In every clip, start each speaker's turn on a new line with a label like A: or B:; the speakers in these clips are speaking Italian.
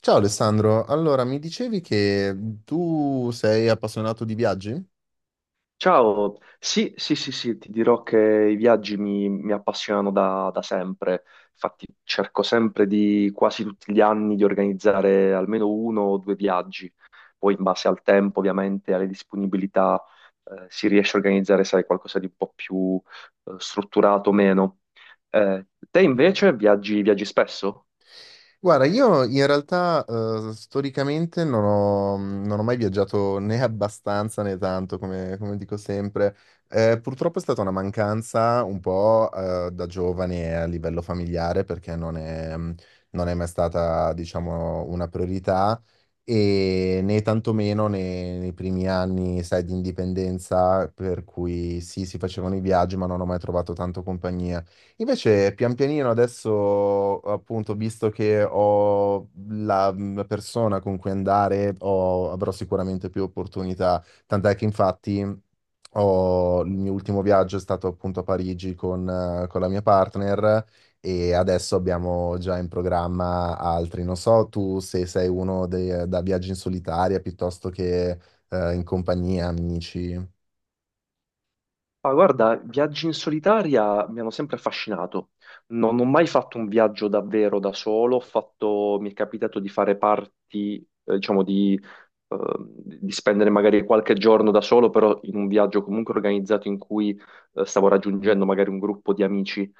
A: Ciao Alessandro, allora mi dicevi che tu sei appassionato di viaggi?
B: Ciao, sì, sì, sì, sì, ti dirò che i viaggi mi appassionano da sempre, infatti cerco sempre di quasi tutti gli anni di organizzare almeno uno o due viaggi, poi in base al tempo ovviamente, alle disponibilità, si riesce a organizzare, sai, qualcosa di un po' più strutturato o meno. Te invece viaggi spesso?
A: Guarda, io in realtà storicamente non ho mai viaggiato né abbastanza né tanto, come dico sempre. Purtroppo è stata una mancanza un po' da giovane a livello familiare perché non è mai stata, diciamo, una priorità, e né tantomeno nei primi anni, sai, di indipendenza, per cui sì, si facevano i viaggi, ma non ho mai trovato tanto compagnia. Invece, pian pianino adesso, appunto, visto che ho la persona con cui andare, avrò sicuramente più opportunità. Tant'è che infatti il mio ultimo viaggio è stato appunto a Parigi con la mia partner, e adesso abbiamo già in programma altri. Non so tu se sei uno da viaggi in solitaria piuttosto che in compagnia, amici.
B: Ah, guarda, viaggi in solitaria mi hanno sempre affascinato. Non ho mai fatto un viaggio davvero da solo, mi è capitato di fare parti, diciamo, ehm, di spendere magari qualche giorno da solo, però in un viaggio comunque organizzato in cui stavo raggiungendo magari un gruppo di amici.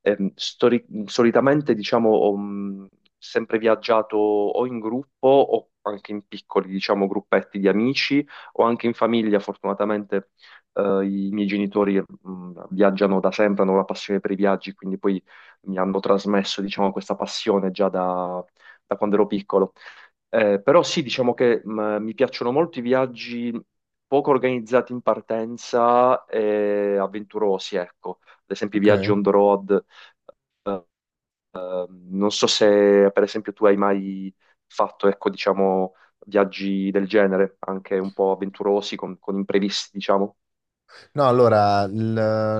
B: Solitamente, diciamo, ho sempre viaggiato o in gruppo o anche in piccoli, diciamo, gruppetti di amici o anche in famiglia. Fortunatamente, i miei genitori, viaggiano da sempre, hanno una passione per i viaggi, quindi poi mi hanno trasmesso, diciamo, questa passione già da quando ero piccolo. Però sì, diciamo che mi piacciono molto i viaggi poco organizzati in partenza e avventurosi, ecco. Ad esempio i
A: Ok.
B: viaggi on the road. Eh, Non so se, per esempio, tu hai mai fatto, ecco, diciamo, viaggi del genere, anche un po' avventurosi, con imprevisti, diciamo.
A: No, allora,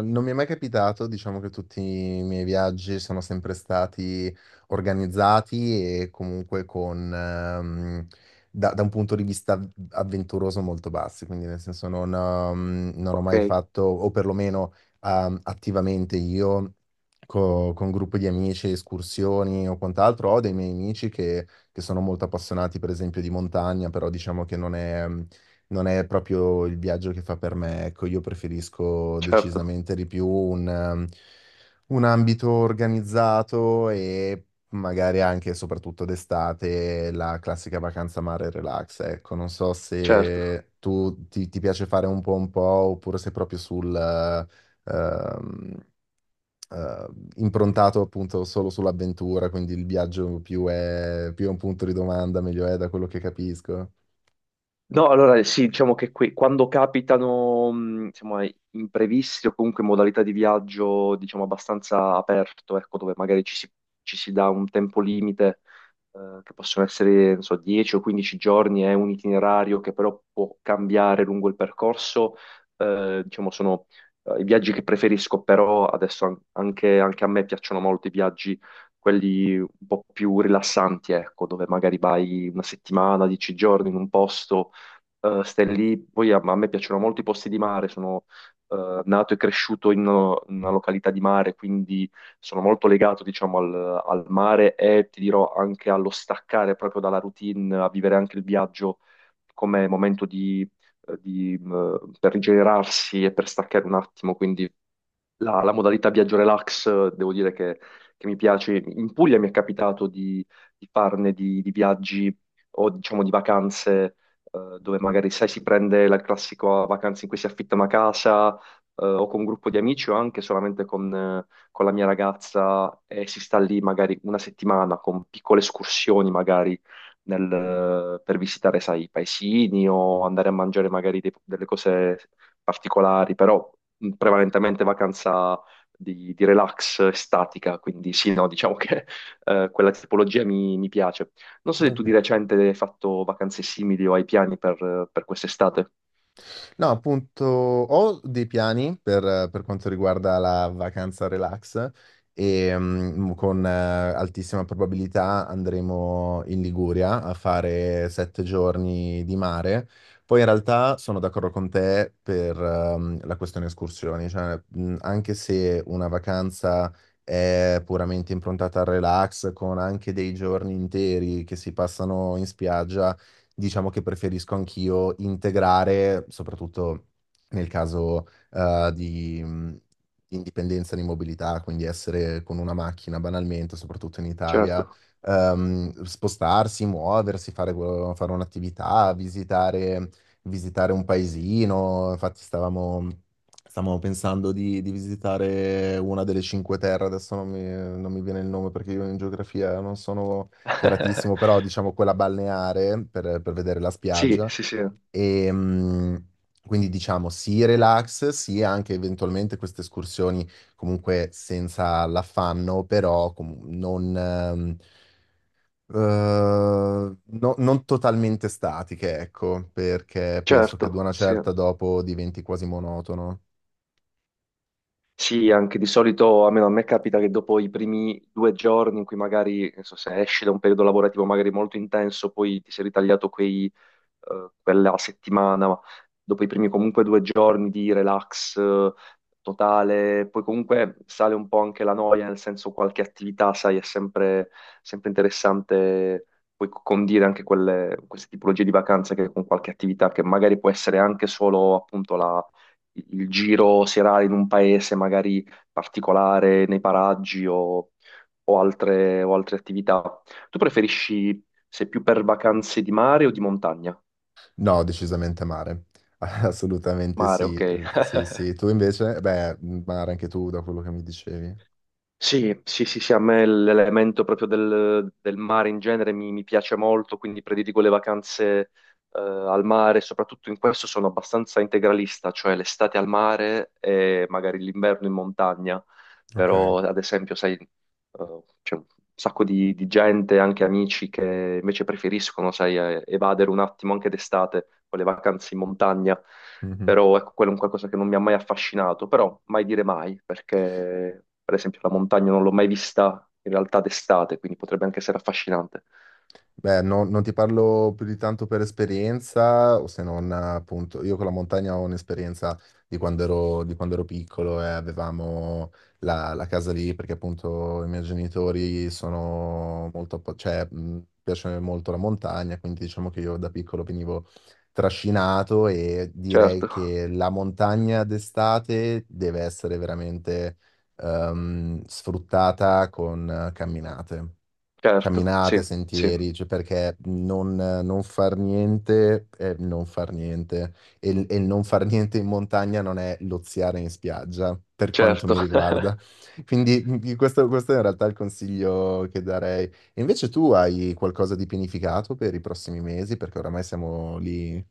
A: non mi è mai capitato, diciamo che tutti i miei viaggi sono sempre stati organizzati e comunque da un punto di vista avventuroso molto bassi, quindi nel senso non ho
B: Ok,
A: mai fatto, o perlomeno attivamente io, con gruppi di amici, escursioni o quant'altro. Ho dei miei amici che sono molto appassionati per esempio di montagna, però diciamo che non è proprio il viaggio che fa per me, ecco. Io preferisco
B: certo,
A: decisamente di più un ambito organizzato e magari anche, e soprattutto d'estate, la classica vacanza mare e relax, ecco. Non so
B: certo.
A: se tu ti piace fare un po' oppure sei proprio eh, improntato appunto solo sull'avventura, quindi il viaggio più è un punto di domanda, meglio è, da quello che capisco.
B: No, allora sì, diciamo che qui, quando capitano, insomma, imprevisti o comunque modalità di viaggio, diciamo, abbastanza aperto, ecco, dove magari ci si dà un tempo limite, che possono essere, non so, 10 o 15 giorni, è un itinerario che però può cambiare lungo il percorso, diciamo, sono i viaggi che preferisco, però adesso anche a me piacciono molto i viaggi, quelli un po' più rilassanti, ecco, dove magari vai una settimana, 10 giorni in un posto, stai lì, poi a me piacciono molto i posti di mare, sono nato e cresciuto in una località di mare, quindi sono molto legato, diciamo, al mare e ti dirò anche allo staccare proprio dalla routine, a vivere anche il viaggio come momento per rigenerarsi e per staccare un attimo, quindi la modalità viaggio relax, devo dire che mi piace. In Puglia mi è capitato di farne di viaggi o diciamo di vacanze, dove magari sai si prende la classica vacanza in cui si affitta una casa, o con un gruppo di amici o anche solamente con la mia ragazza e si sta lì magari una settimana con piccole escursioni magari per visitare, sai, i paesini o andare a mangiare magari delle cose particolari, però prevalentemente vacanza di relax estatica, quindi sì, no, diciamo che quella tipologia mi piace. Non so se tu di
A: Ok.
B: recente hai fatto vacanze simili o hai piani per quest'estate.
A: No, appunto, ho dei piani per quanto riguarda la vacanza relax, e con altissima probabilità andremo in Liguria a fare 7 giorni di mare. Poi in realtà sono d'accordo con te per la questione escursioni, cioè, anche se una vacanza è puramente improntata al relax, con anche dei giorni interi che si passano in spiaggia, diciamo che preferisco anch'io integrare, soprattutto nel caso di indipendenza di mobilità, quindi essere con una macchina banalmente, soprattutto in Italia,
B: Certo.
A: spostarsi, muoversi, fare un'attività, visitare, un paesino. Infatti stavamo pensando di visitare una delle Cinque Terre, adesso non mi viene il nome perché io in geografia non sono feratissimo, però diciamo quella balneare per vedere la
B: Sì,
A: spiaggia.
B: sì, sì,
A: E, quindi diciamo sì relax, sì anche eventualmente queste escursioni, comunque senza l'affanno, però non totalmente statiche, ecco, perché penso che ad
B: certo,
A: una
B: sì.
A: certa dopo diventi quasi monotono.
B: Sì, anche di solito, almeno a me capita che dopo i primi due giorni in cui magari, non so, se esci da un periodo lavorativo magari molto intenso, poi ti sei ritagliato quei quella settimana, ma dopo i primi comunque due giorni di relax totale, poi comunque sale un po' anche la noia, nel senso qualche attività, sai, è sempre interessante poi condire anche quelle, queste tipologie di vacanze che con qualche attività che magari può essere anche solo appunto il giro serale in un paese magari particolare, nei paraggi, o altre attività. Tu preferisci, sei più per vacanze di mare o di montagna?
A: No, decisamente mare. Assolutamente
B: Mare,
A: sì,
B: ok.
A: eh, sì, sì. Tu invece? Beh, mare anche tu, da quello che mi dicevi.
B: Sì, sì, sì, sì, a me l'elemento proprio del mare in genere mi piace molto, quindi prediligo le vacanze al mare, soprattutto in questo sono abbastanza integralista, cioè l'estate al mare e magari l'inverno in montagna,
A: Ok.
B: però ad esempio, sai, c'è un sacco di gente, anche amici, che invece preferiscono, sai, evadere un attimo anche d'estate con le vacanze in montagna.
A: Mhm.
B: Però ecco, quello è un qualcosa che non mi ha mai affascinato, però mai dire mai, perché per esempio la montagna non l'ho mai vista in realtà d'estate, quindi potrebbe anche essere affascinante.
A: Beh, non ti parlo più di tanto per esperienza, o se non appunto, io con la montagna ho un'esperienza di quando ero piccolo e avevamo la casa lì, perché appunto i miei genitori sono molto, cioè, piace molto la montagna, quindi diciamo che io da piccolo venivo trascinato, e direi
B: Certo,
A: che la montagna d'estate deve essere veramente sfruttata con camminate.
B: certo, sì,
A: Camminate,
B: sì,
A: sentieri, cioè perché non far niente è non far niente. E, il non far niente in montagna non è loziare in spiaggia, per quanto
B: certo.
A: mi riguarda. Quindi questo è in realtà il consiglio che darei. E invece tu hai qualcosa di pianificato per i prossimi mesi? Perché oramai siamo lì.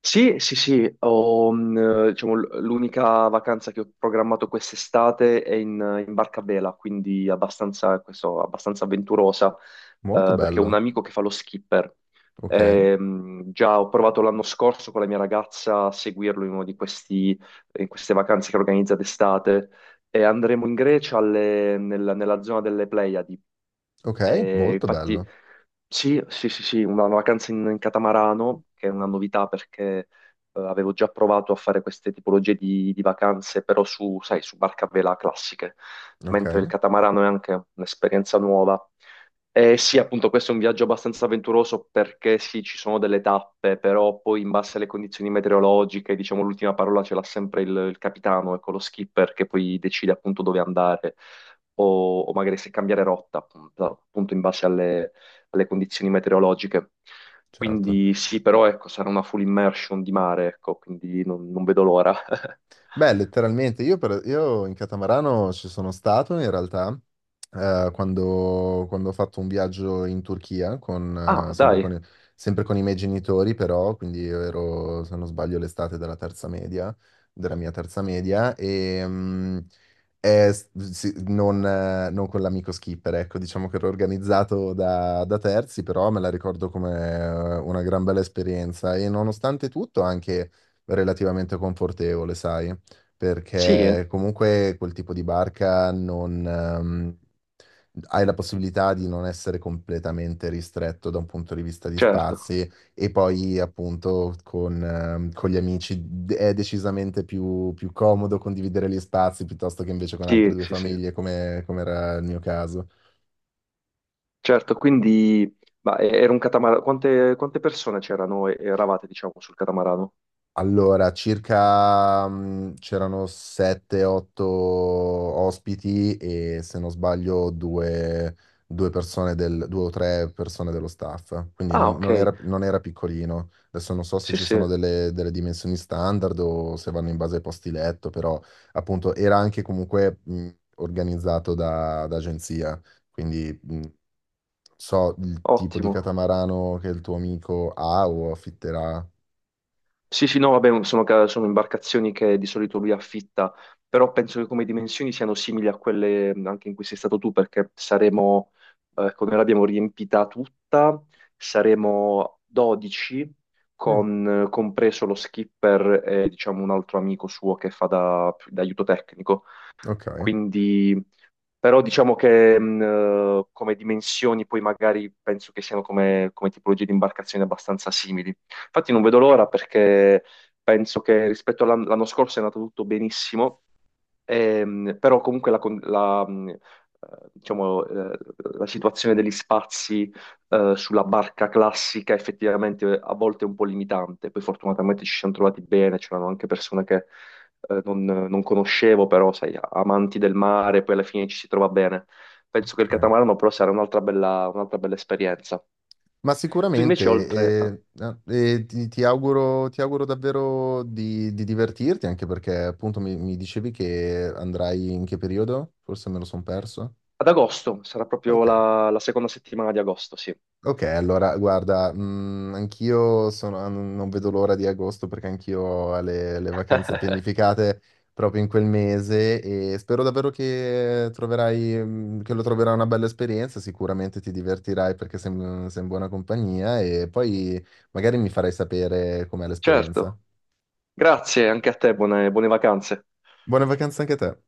B: Sì, sì, sì, ho, diciamo, l'unica vacanza che ho programmato quest'estate è in Barca Bela, quindi abbastanza, questo, abbastanza avventurosa,
A: Molto
B: perché ho un
A: bello.
B: amico che fa lo skipper.
A: Ok,
B: Già ho provato l'anno scorso con la mia ragazza a seguirlo in uno di questi, in queste vacanze che organizza d'estate e andremo in Grecia nella zona delle Pleiadi.
A: ok,
B: Eh,
A: molto
B: infatti.
A: bello.
B: Sì, sì, sì, sì, una vacanza in catamarano, che è una novità perché avevo già provato a fare queste tipologie di vacanze, però, sai, su barca a vela classiche,
A: Ok,
B: mentre il catamarano è anche un'esperienza nuova. E sì, appunto, questo è un viaggio abbastanza avventuroso perché sì, ci sono delle tappe, però poi in base alle condizioni meteorologiche, diciamo, l'ultima parola ce l'ha sempre il capitano, ecco, lo skipper che poi decide appunto dove andare, o magari se cambiare rotta, appunto in base alle condizioni meteorologiche.
A: certo.
B: Quindi sì, però ecco, sarà una full immersion di mare, ecco, quindi non vedo l'ora.
A: Beh, letteralmente, io in catamarano ci sono stato in realtà quando ho fatto un viaggio in Turchia,
B: Ah, dai,
A: sempre con i miei genitori però, quindi io ero, se non sbaglio, l'estate della mia terza media, e sì, non con l'amico skipper, ecco, diciamo che ero organizzato da terzi, però me la ricordo come una gran bella esperienza, e nonostante tutto anche relativamente confortevole, sai,
B: sì,
A: perché comunque quel tipo di barca non, hai la possibilità di non essere completamente ristretto da un punto di vista di
B: certo,
A: spazi, e poi appunto con gli amici, è decisamente più comodo condividere gli spazi piuttosto che invece con
B: sì,
A: altre due
B: sì, sì,
A: famiglie, come era il mio caso.
B: certo, quindi, ma era un catamarano, quante persone c'erano e eravate, diciamo, sul catamarano?
A: Allora, circa c'erano 7-8 ospiti e, se non sbaglio, due o tre persone dello staff, quindi
B: Ah, ok,
A: non era piccolino. Adesso non so se
B: sì,
A: ci
B: sì,
A: sono delle dimensioni standard o se vanno in base ai posti letto, però appunto era anche comunque organizzato da agenzia, quindi so il tipo di
B: ottimo.
A: catamarano che il tuo amico ha o affitterà.
B: Sì, sì, no, vabbè, sono imbarcazioni che di solito lui affitta, però penso che come dimensioni siano simili a quelle, anche in cui sei stato tu, perché saremo, come l'abbiamo riempita tutta, saremo 12,
A: Mm,
B: compreso lo skipper e diciamo un altro amico suo che fa da aiuto tecnico.
A: ok.
B: Quindi, però diciamo che come dimensioni poi magari penso che siano, come tipologie di imbarcazioni, abbastanza simili. Infatti non vedo l'ora perché penso che rispetto all'anno scorso è andato tutto benissimo. Però comunque diciamo, la situazione degli spazi sulla barca classica effettivamente a volte è un po' limitante. Poi fortunatamente ci siamo trovati bene, c'erano anche persone che non conoscevo, però sai, amanti del mare, poi alla fine ci si trova bene. Penso che il
A: Ok.
B: catamarano però sarà un'altra bella esperienza.
A: Ma
B: Tu invece
A: sicuramente,
B: oltre a-
A: ti auguro davvero di divertirti, anche perché appunto mi dicevi che andrai in che periodo? Forse me lo sono perso.
B: Ad agosto, sarà proprio
A: Ok.
B: la seconda settimana di agosto, sì.
A: Ok, allora guarda, ah, non vedo l'ora di agosto perché anch'io ho le vacanze pianificate proprio in quel mese, e spero davvero che lo troverai una bella esperienza, sicuramente ti divertirai perché sei in buona compagnia, e poi magari mi farai sapere com'è l'esperienza.
B: Certo, grazie anche a te, buone vacanze.
A: Buone vacanze anche a te.